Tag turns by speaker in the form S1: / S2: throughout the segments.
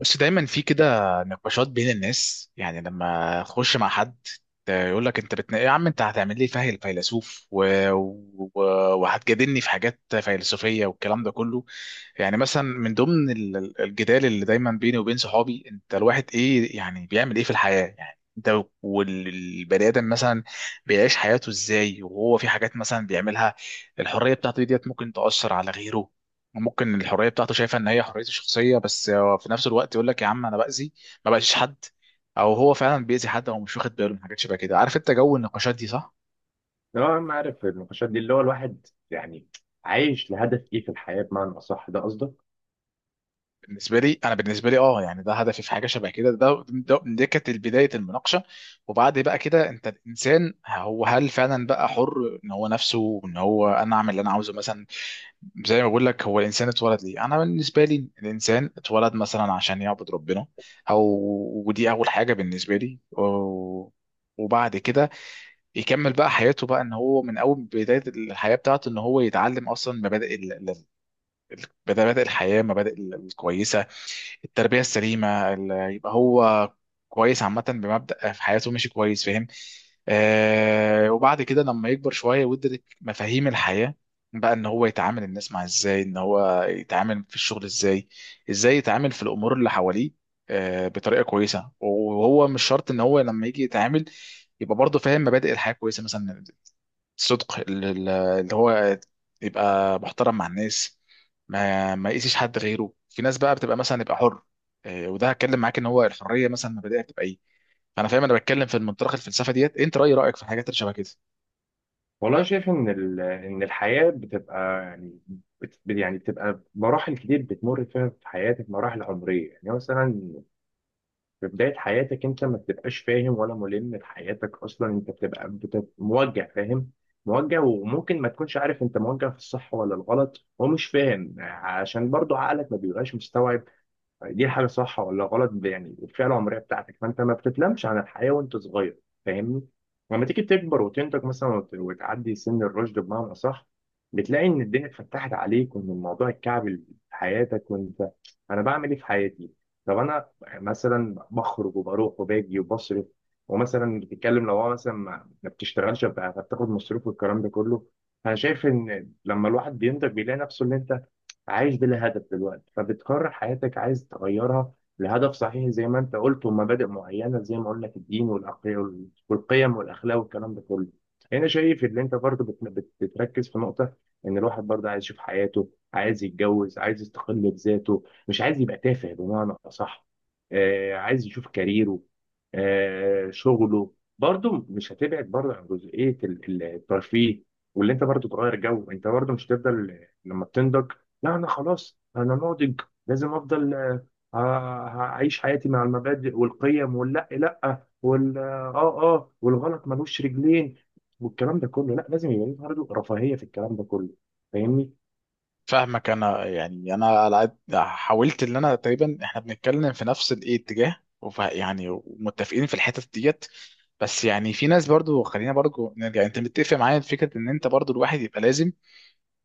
S1: بس دايما في كده نقاشات بين الناس، يعني لما اخش مع حد يقول لك انت بتنا... يا عم انت هتعمل لي فهل فيلسوف و... وهتجادلني في حاجات فيلسوفيه والكلام ده كله. يعني مثلا من ضمن الجدال اللي دايما بيني وبين صحابي، انت الواحد ايه يعني بيعمل ايه في الحياه؟ يعني انت والبني ادم مثلا بيعيش حياته ازاي وهو في حاجات مثلا بيعملها؟ الحريه بتاعته ديت ممكن تاثر على غيره. ممكن الحريه بتاعته شايفه ان هي حريته الشخصيه، بس هو في نفس الوقت يقول لك يا عم انا باذي ما باذيش حد، او هو فعلا بيأذي حد هو مش واخد باله من حاجات شبه كده. عارف انت جو النقاشات دي؟ صح.
S2: اه انا عارف النقاشات دي، اللي هو الواحد يعني عايش لهدف ايه في الحياه؟ بمعنى اصح، ده قصدك؟
S1: بالنسبه لي انا، بالنسبه لي اه يعني ده هدفي في حاجه شبه كده. ده ده دي كانت بدايه المناقشه. وبعد بقى كده انت الانسان هو هل فعلا بقى حر ان هو نفسه، ان هو انا اعمل اللي انا عاوزه مثلا؟ زي ما بقول لك، هو الانسان اتولد ليه؟ انا بالنسبه لي الانسان اتولد مثلا عشان يعبد ربنا او، ودي اول حاجه بالنسبه لي وبعد كده يكمل بقى حياته، بقى ان هو من اول بدايه الحياه بتاعته ان هو يتعلم اصلا مبادئ الحياة، مبادئ الكويسة، التربية السليمة يبقى هو كويس عامة بمبدأ في حياته ماشي كويس، فاهم؟ آه، وبعد كده لما يكبر شوية ويدرك مفاهيم الحياة، بقى ان هو يتعامل الناس مع ازاي، ان هو يتعامل في الشغل ازاي، ازاي يتعامل في الامور اللي حواليه، بطريقة كويسة. وهو مش شرط ان هو لما يجي يتعامل يبقى برضه فاهم مبادئ الحياة كويسة مثلا، صدق اللي هو، يبقى محترم مع الناس، ما يقيسش حد غيره. في ناس بقى بتبقى مثلا يبقى حر إيه، وده هتكلم معاك ان هو الحريه مثلا مبادئها بتبقى ايه. فانا فاهم، انا بتكلم في منطلق الفلسفه ديت، انت رايك في الحاجات اللي شبه كده؟
S2: والله أنا شايف ان ان الحياه بتبقى يعني، بت يعني بتبقى مراحل كتير بتمر فيها في حياتك، مراحل عمريه يعني. مثلا في بدايه حياتك انت ما بتبقاش فاهم ولا ملم بحياتك اصلا، انت بتبقى موجه فاهم؟ موجه، وممكن ما تكونش عارف انت موجه في الصح ولا الغلط، ومش فاهم عشان برضو عقلك ما بيبقاش مستوعب دي الحاجه صح ولا غلط. يعني الفئه العمريه بتاعتك، فانت ما بتتلمش عن الحياه وانت صغير، فاهمني؟ لما تيجي تكبر وتنتج مثلا، وتعدي سن الرشد بمعنى اصح، بتلاقي ان الدنيا اتفتحت عليك وان الموضوع اتكعبل في حياتك، وانت انا بعمل ايه في حياتي؟ طب انا مثلا بخرج وبروح وباجي وبصرف، ومثلا بتتكلم لو هو مثلا ما بتشتغلش، فبتاخد مصروف والكلام ده كله. انا شايف ان لما الواحد بينتج بيلاقي نفسه اللي انت عايش بلا هدف دلوقتي، فبتقرر حياتك عايز تغيرها لهدف صحيح زي ما انت قلت، ومبادئ معينه زي ما قلنا لك، الدين والقيم والاخلاق والكلام ده كله. هنا شايف ان انت برضه بتركز في نقطه ان الواحد برضه عايز يشوف حياته، عايز يتجوز، عايز يستقل بذاته، مش عايز يبقى تافه بمعنى اصح. آه، عايز يشوف كاريره، آه شغله برضه مش هتبعد برضه عن جزئيه الترفيه، واللي انت برضه تغير جو. انت برضه مش هتفضل، لما بتنضج لا، انا خلاص انا ناضج، لازم افضل آه، اعيش حياتي مع المبادئ والقيم، واللا لا، وال اه والغلط ملوش رجلين والكلام ده كله. لا، لازم يبقى ليه برضه رفاهيه في الكلام ده كله، فاهمني؟
S1: فاهمك. انا يعني انا على قد حاولت ان انا تقريبا احنا بنتكلم في نفس الايه اتجاه، يعني متفقين في الحتت ديت. بس يعني في ناس برضو، خلينا برضو نرجع، انت متفق معايا في فكره ان انت برضو الواحد يبقى لازم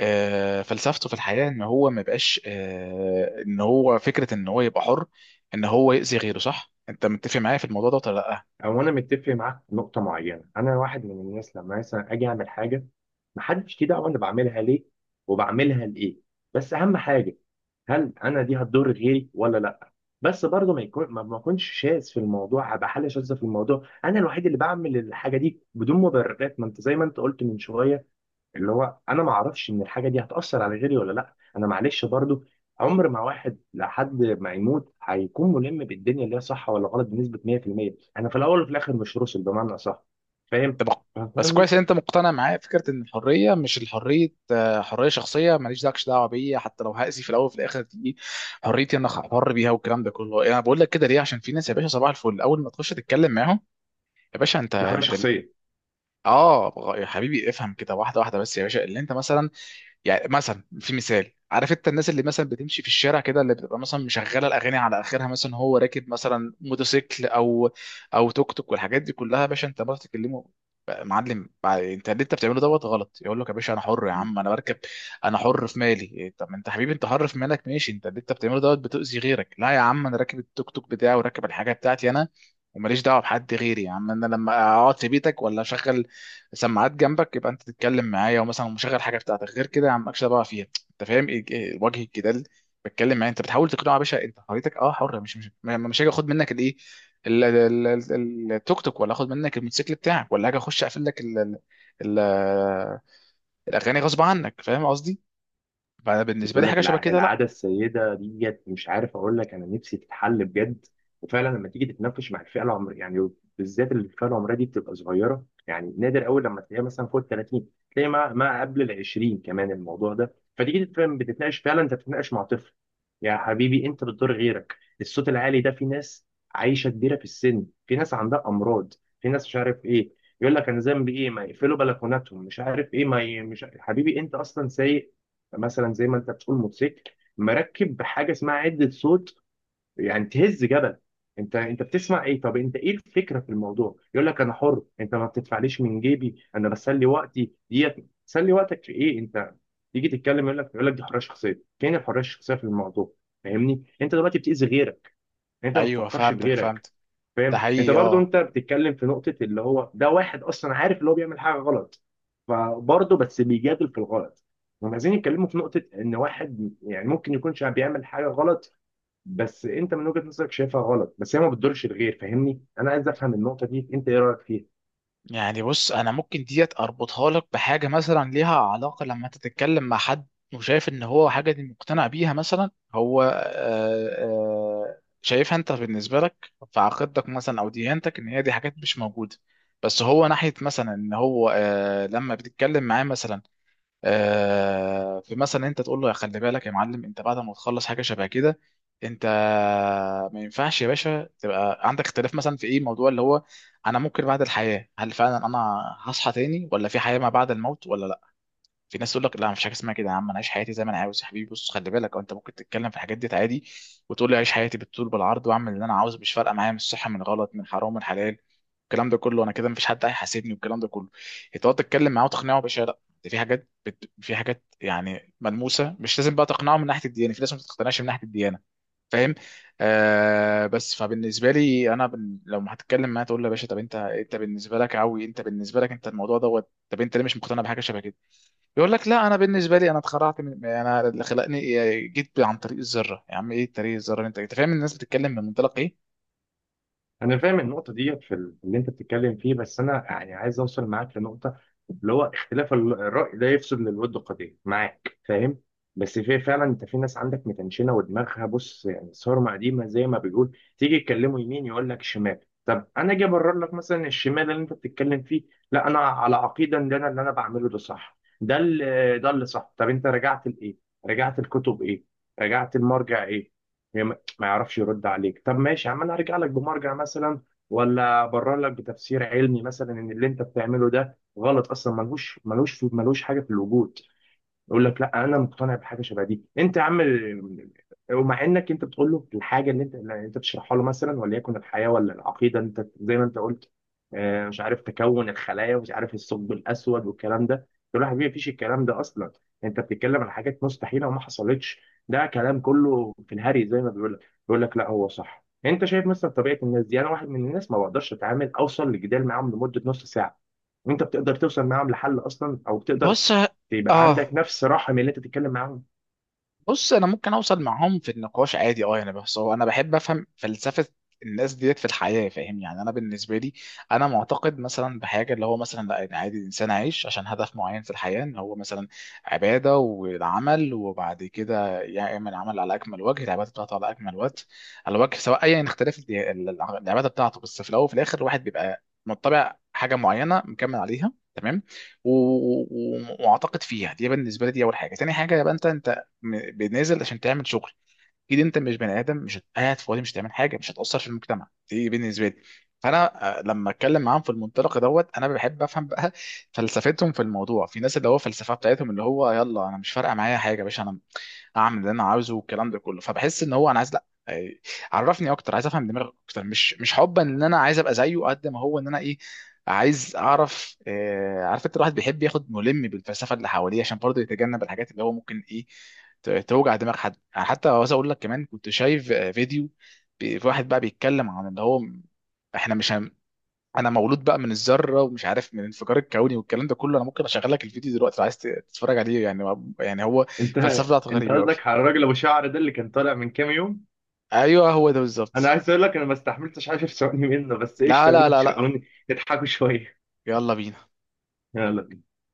S1: فلسفته في الحياة ان هو ما بقاش ان هو فكرة ان هو يبقى حر ان هو يأذي غيره؟ صح؟ انت متفق معايا في الموضوع ده ولا لا؟
S2: او انا متفق معاك في نقطه معينه. انا واحد من الناس لما مثلا اجي اعمل حاجه، محدش ليه دعوه انا بعملها ليه وبعملها لايه، بس اهم حاجه، هل انا دي هتضر غيري ولا لا؟ بس برضه ما يكون، ما اكونش شاذ في الموضوع، ابقى حاله شاذه في الموضوع، انا الوحيد اللي بعمل الحاجه دي بدون مبررات، ما انت زي ما انت قلت من شويه، اللي هو انا ما اعرفش ان الحاجه دي هتاثر على غيري ولا لا. انا معلش برضه، عمر ما واحد لحد ما يموت هيكون ملم بالدنيا اللي هي صح ولا غلط بنسبه 100%، انا في الاول وفي الاخر مش روسل بمعنى صح، فاهم؟
S1: طب بس
S2: فاهم،
S1: كويس ان انت مقتنع معايا فكرة ان الحرية مش الحرية حرية شخصية ماليش داكش دعوة بيا حتى لو هأذي، في الاول وفي الاخر دي حريتي انا حر بيها والكلام ده كله. انا بقول لك كده ليه؟ عشان في ناس يا باشا صباح الفل اول ما تخش تتكلم معاهم، يا باشا انت
S2: دي حريه
S1: انت
S2: شخصيه.
S1: اه يا حبيبي افهم كده واحدة واحدة. بس يا باشا اللي انت مثلا، يعني مثلا في مثال، عارف انت الناس اللي مثلا بتمشي في الشارع كده اللي بتبقى مثلا مشغله الاغاني على اخرها، مثلا هو راكب مثلا موتوسيكل او توك توك والحاجات دي كلها، يا باشا انت ما بتتكلمه بقى معلم بقى انت اللي انت بتعمله دوت غلط؟ يقول لك يا باشا انا حر يا عم انا بركب، انا حر في مالي إيه، طب انت حبيبي انت حر في مالك ماشي، انت اللي انت بتعمله دوت بتؤذي غيرك. لا يا عم انا راكب التوك توك بتاعي وراكب الحاجه بتاعتي انا، وماليش دعوه بحد غيري. يا عم انا لما اقعد في بيتك ولا اشغل سماعات جنبك يبقى انت تتكلم معايا ومثلا مشغل حاجه بتاعتك غير كده، يا عم مالكش دعوه فيها. انت فاهم ايه إيه وجه الجدال؟ بتكلم معايا انت بتحاول تقنعه يا باشا انت حريتك اه حر، مش هاجي اخد منك الايه التوك توك، ولا اخد منك الموتوسيكل بتاعك، ولا هاجي اخش اقفل لك ال- الاغاني غصب عنك، فاهم قصدي؟ فانا بالنسبه
S2: بقول
S1: لي
S2: لك
S1: حاجه شبه كده لا.
S2: العاده السيده ديت، مش عارف اقول لك، انا نفسي تتحل بجد. وفعلا لما تيجي تتناقش مع الفئه العمريه يعني، بالذات الفئه العمريه دي بتبقى صغيره، يعني نادر قوي لما تلاقيها مثلا فوق ال 30، تلاقي ما قبل ال 20 كمان الموضوع ده. فتيجي تتفهم بتتناقش، فعلا انت بتتناقش مع طفل. يا حبيبي انت بتضر غيرك، الصوت العالي ده في ناس عايشه كبيره في السن، في ناس عندها امراض، في ناس مش عارف ايه. يقول لك انا ذنبي ايه، ما يقفلوا بلكوناتهم، مش عارف ايه، ما ي... مش ع- حبيبي انت اصلا سايق مثلا، زي ما انت بتقول، موتوسيكل مركب بحاجه اسمها عده صوت، يعني تهز جبل. انت بتسمع ايه؟ طب انت ايه الفكره في الموضوع؟ يقول لك انا حر، انت ما بتدفعليش من جيبي، انا بسلي وقتي ديت. تسلي وقتك في ايه انت؟ تيجي تتكلم يقول لك دي حريه شخصيه. فين الحريه الشخصيه في الموضوع؟ فاهمني، انت دلوقتي بتاذي غيرك، يعني انت ما
S1: ايوه
S2: بتفكرش في
S1: فهمتك،
S2: غيرك.
S1: فهمت. ده
S2: فاهم انت
S1: حقيقي
S2: برضو؟
S1: اه.
S2: انت بتتكلم في نقطه اللي هو ده واحد اصلا عارف اللي هو بيعمل حاجه غلط، فبرضه بس بيجادل في الغلط. هم عايزين يتكلموا في نقطه ان واحد يعني ممكن يكون بيعمل حاجه غلط، بس انت من وجهه نظرك شايفها غلط، بس هي ما بتضرش الغير، فاهمني؟ انا عايز افهم النقطه دي، انت ايه رايك فيها؟
S1: يعني بص انا ممكن ديت اربطها لك بحاجه مثلا ليها علاقه، لما انت تتكلم مع حد وشايف ان هو حاجه دي مقتنع بيها مثلا، هو شايفها انت بالنسبه لك في عقيدتك مثلا او ديانتك ان هي دي حاجات مش موجوده، بس هو ناحيه مثلا ان هو لما بتتكلم معاه مثلا فمثلا انت تقول له يا خلي بالك يا معلم، انت بعد ما تخلص حاجه شبه كده انت ما ينفعش يا باشا تبقى عندك اختلاف مثلا في ايه موضوع اللي هو انا ممكن بعد الحياه هل فعلا انا هصحى تاني ولا في حياه ما بعد الموت ولا. في ناس تقول لك لا مفيش حاجه اسمها كده، يا عم انا عايش حياتي زي ما انا عاوز. يا حبيبي بص خلي بالك، أو انت ممكن تتكلم في الحاجات دي عادي وتقول لي عايش حياتي بالطول بالعرض واعمل اللي انا عاوزه، مش فارقه معايا من الصح من غلط من حرام من حلال، الكلام ده كله، انا كده مفيش حد هيحاسبني والكلام ده كله. تقعد تتكلم معاه وتقنعه باشا لا ده في حاجات بت... في حاجات يعني ملموسه، مش لازم بقى تقنعه من ناحيه الديانه، في ناس ما تقتنعش من ناحيه الديانه، فاهم؟ آه، بس فبالنسبه لي انا بن... لو ما هتتكلم معاه تقول له يا باشا، طب انت بالنسبه لك عوي، انت بالنسبه لك انت الموضوع دوت، طب انت ليه مش مقتنع بحاجه شبه كده؟ يقول لك لا انا بالنسبه لي انا اتخرعت من، يعني انا اللي خلقني إيه، جيت عن طريق الذره. يا عم ايه طريق الذره اللي انت فاهم الناس بتتكلم من منطلق ايه.
S2: انا فاهم النقطه دي في اللي انت بتتكلم فيه، بس انا يعني عايز اوصل معاك لنقطه، اللي هو اختلاف الراي لا يفسد للود قضيه، معاك فاهم. بس في فعلا، انت في ناس عندك متنشنه ودماغها، بص، يعني صارمه قديمه زي ما بيقول، تيجي يتكلموا يمين يقول لك شمال. طب انا اجي ابرر لك مثلا الشمال اللي انت بتتكلم فيه، لا انا على عقيده ان انا اللي انا بعمله ده صح، ده اللي صح. طب انت رجعت لايه؟ رجعت الكتب ايه؟ رجعت المرجع ايه؟ ما يعرفش يرد عليك. طب ماشي يا عم، انا هرجع لك بمرجع مثلا، ولا ابرر لك بتفسير علمي مثلا ان اللي انت بتعمله ده غلط اصلا، ملهوش ملوش ملوش حاجه في الوجود. يقول لك لا انا مقتنع بحاجه شبه دي، انت يا عم ومع انك انت بتقول له الحاجه اللي انت بتشرحها له مثلا، وليكن الحياه ولا العقيده، انت زي ما انت قلت، مش عارف تكون الخلايا ومش عارف الثقب الاسود والكلام ده، تقول له يا حبيبي مفيش الكلام ده اصلا، انت بتتكلم عن حاجات مستحيله وما حصلتش، ده كلام كله في الهري زي ما بيقول لك. بيقول لك لا هو صح. انت شايف مثلا طبيعه الناس دي، انا واحد من الناس ما بقدرش اتعامل اوصل لجدال معاهم لمده نص ساعه، وانت بتقدر توصل معاهم لحل اصلا؟ او بتقدر
S1: بص
S2: يبقى عندك
S1: اه.
S2: نفس رحم اللي انت بتتكلم معاهم؟
S1: بص انا ممكن اوصل معاهم في النقاش عادي اه يعني، بس هو انا بحب افهم فلسفه الناس ديت في الحياه، فاهم يعني؟ انا بالنسبه لي، انا معتقد مثلا بحاجه اللي هو مثلا لا، إن عادي الانسان عايش عشان هدف معين في الحياه، ان هو مثلا عباده والعمل، وبعد كده يعمل عمل على اكمل وجه، العباده بتاعته على اكمل وجه، على وجه سواء ايا يعني اختلاف العباده بتاعته، بس في الاول وفي الاخر الواحد بيبقى متبع حاجه معينه مكمل عليها تمام، واعتقد فيها. دي بالنسبه لي دي اول حاجه. تاني حاجه يبقى انت بنازل عشان تعمل شغل، اكيد انت مش بني ادم مش قاعد فاضي مش هتعمل حاجه مش هتاثر في المجتمع، دي بالنسبه لي. فانا لما اتكلم معاهم في المنطلق دوت انا بحب افهم بقى فلسفتهم في الموضوع. في ناس اللي هو فلسفه بتاعتهم اللي هو يلا انا مش فارقه معايا حاجه يا باشا، انا اعمل اللي انا عاوزه والكلام ده كله، فبحس ان هو انا عايز لا عرفني اكتر، عايز افهم دماغك اكتر، مش حبا ان انا عايز ابقى زيه قد ما هو ان انا ايه، عايز اعرف عارف انت الواحد بيحب ياخد ملم بالفلسفه اللي حواليه عشان برضه يتجنب الحاجات اللي هو ممكن ايه توجع دماغ حد يعني. حتى عاوز اقول لك كمان، كنت شايف فيديو، في واحد بقى بيتكلم عن اللي هو احنا مش هم... انا مولود بقى من الذره ومش عارف من الانفجار الكوني والكلام ده كله. انا ممكن اشغل لك الفيديو دلوقتي لو عايز تتفرج عليه، يعني يعني هو
S2: انت
S1: الفلسفه بتاعته
S2: انت
S1: غريبه قوي.
S2: قصدك على الراجل ابو شعر ده اللي كان طالع من كام يوم؟
S1: ايوه هو ده
S2: انا
S1: بالظبط.
S2: عايز اقول لك انا ما استحملتش 10 ثواني منه، بس ايش،
S1: لا لا
S2: يلا
S1: لا لا،
S2: شغلوني يضحكوا شويه.
S1: يلا بينا.
S2: يلا.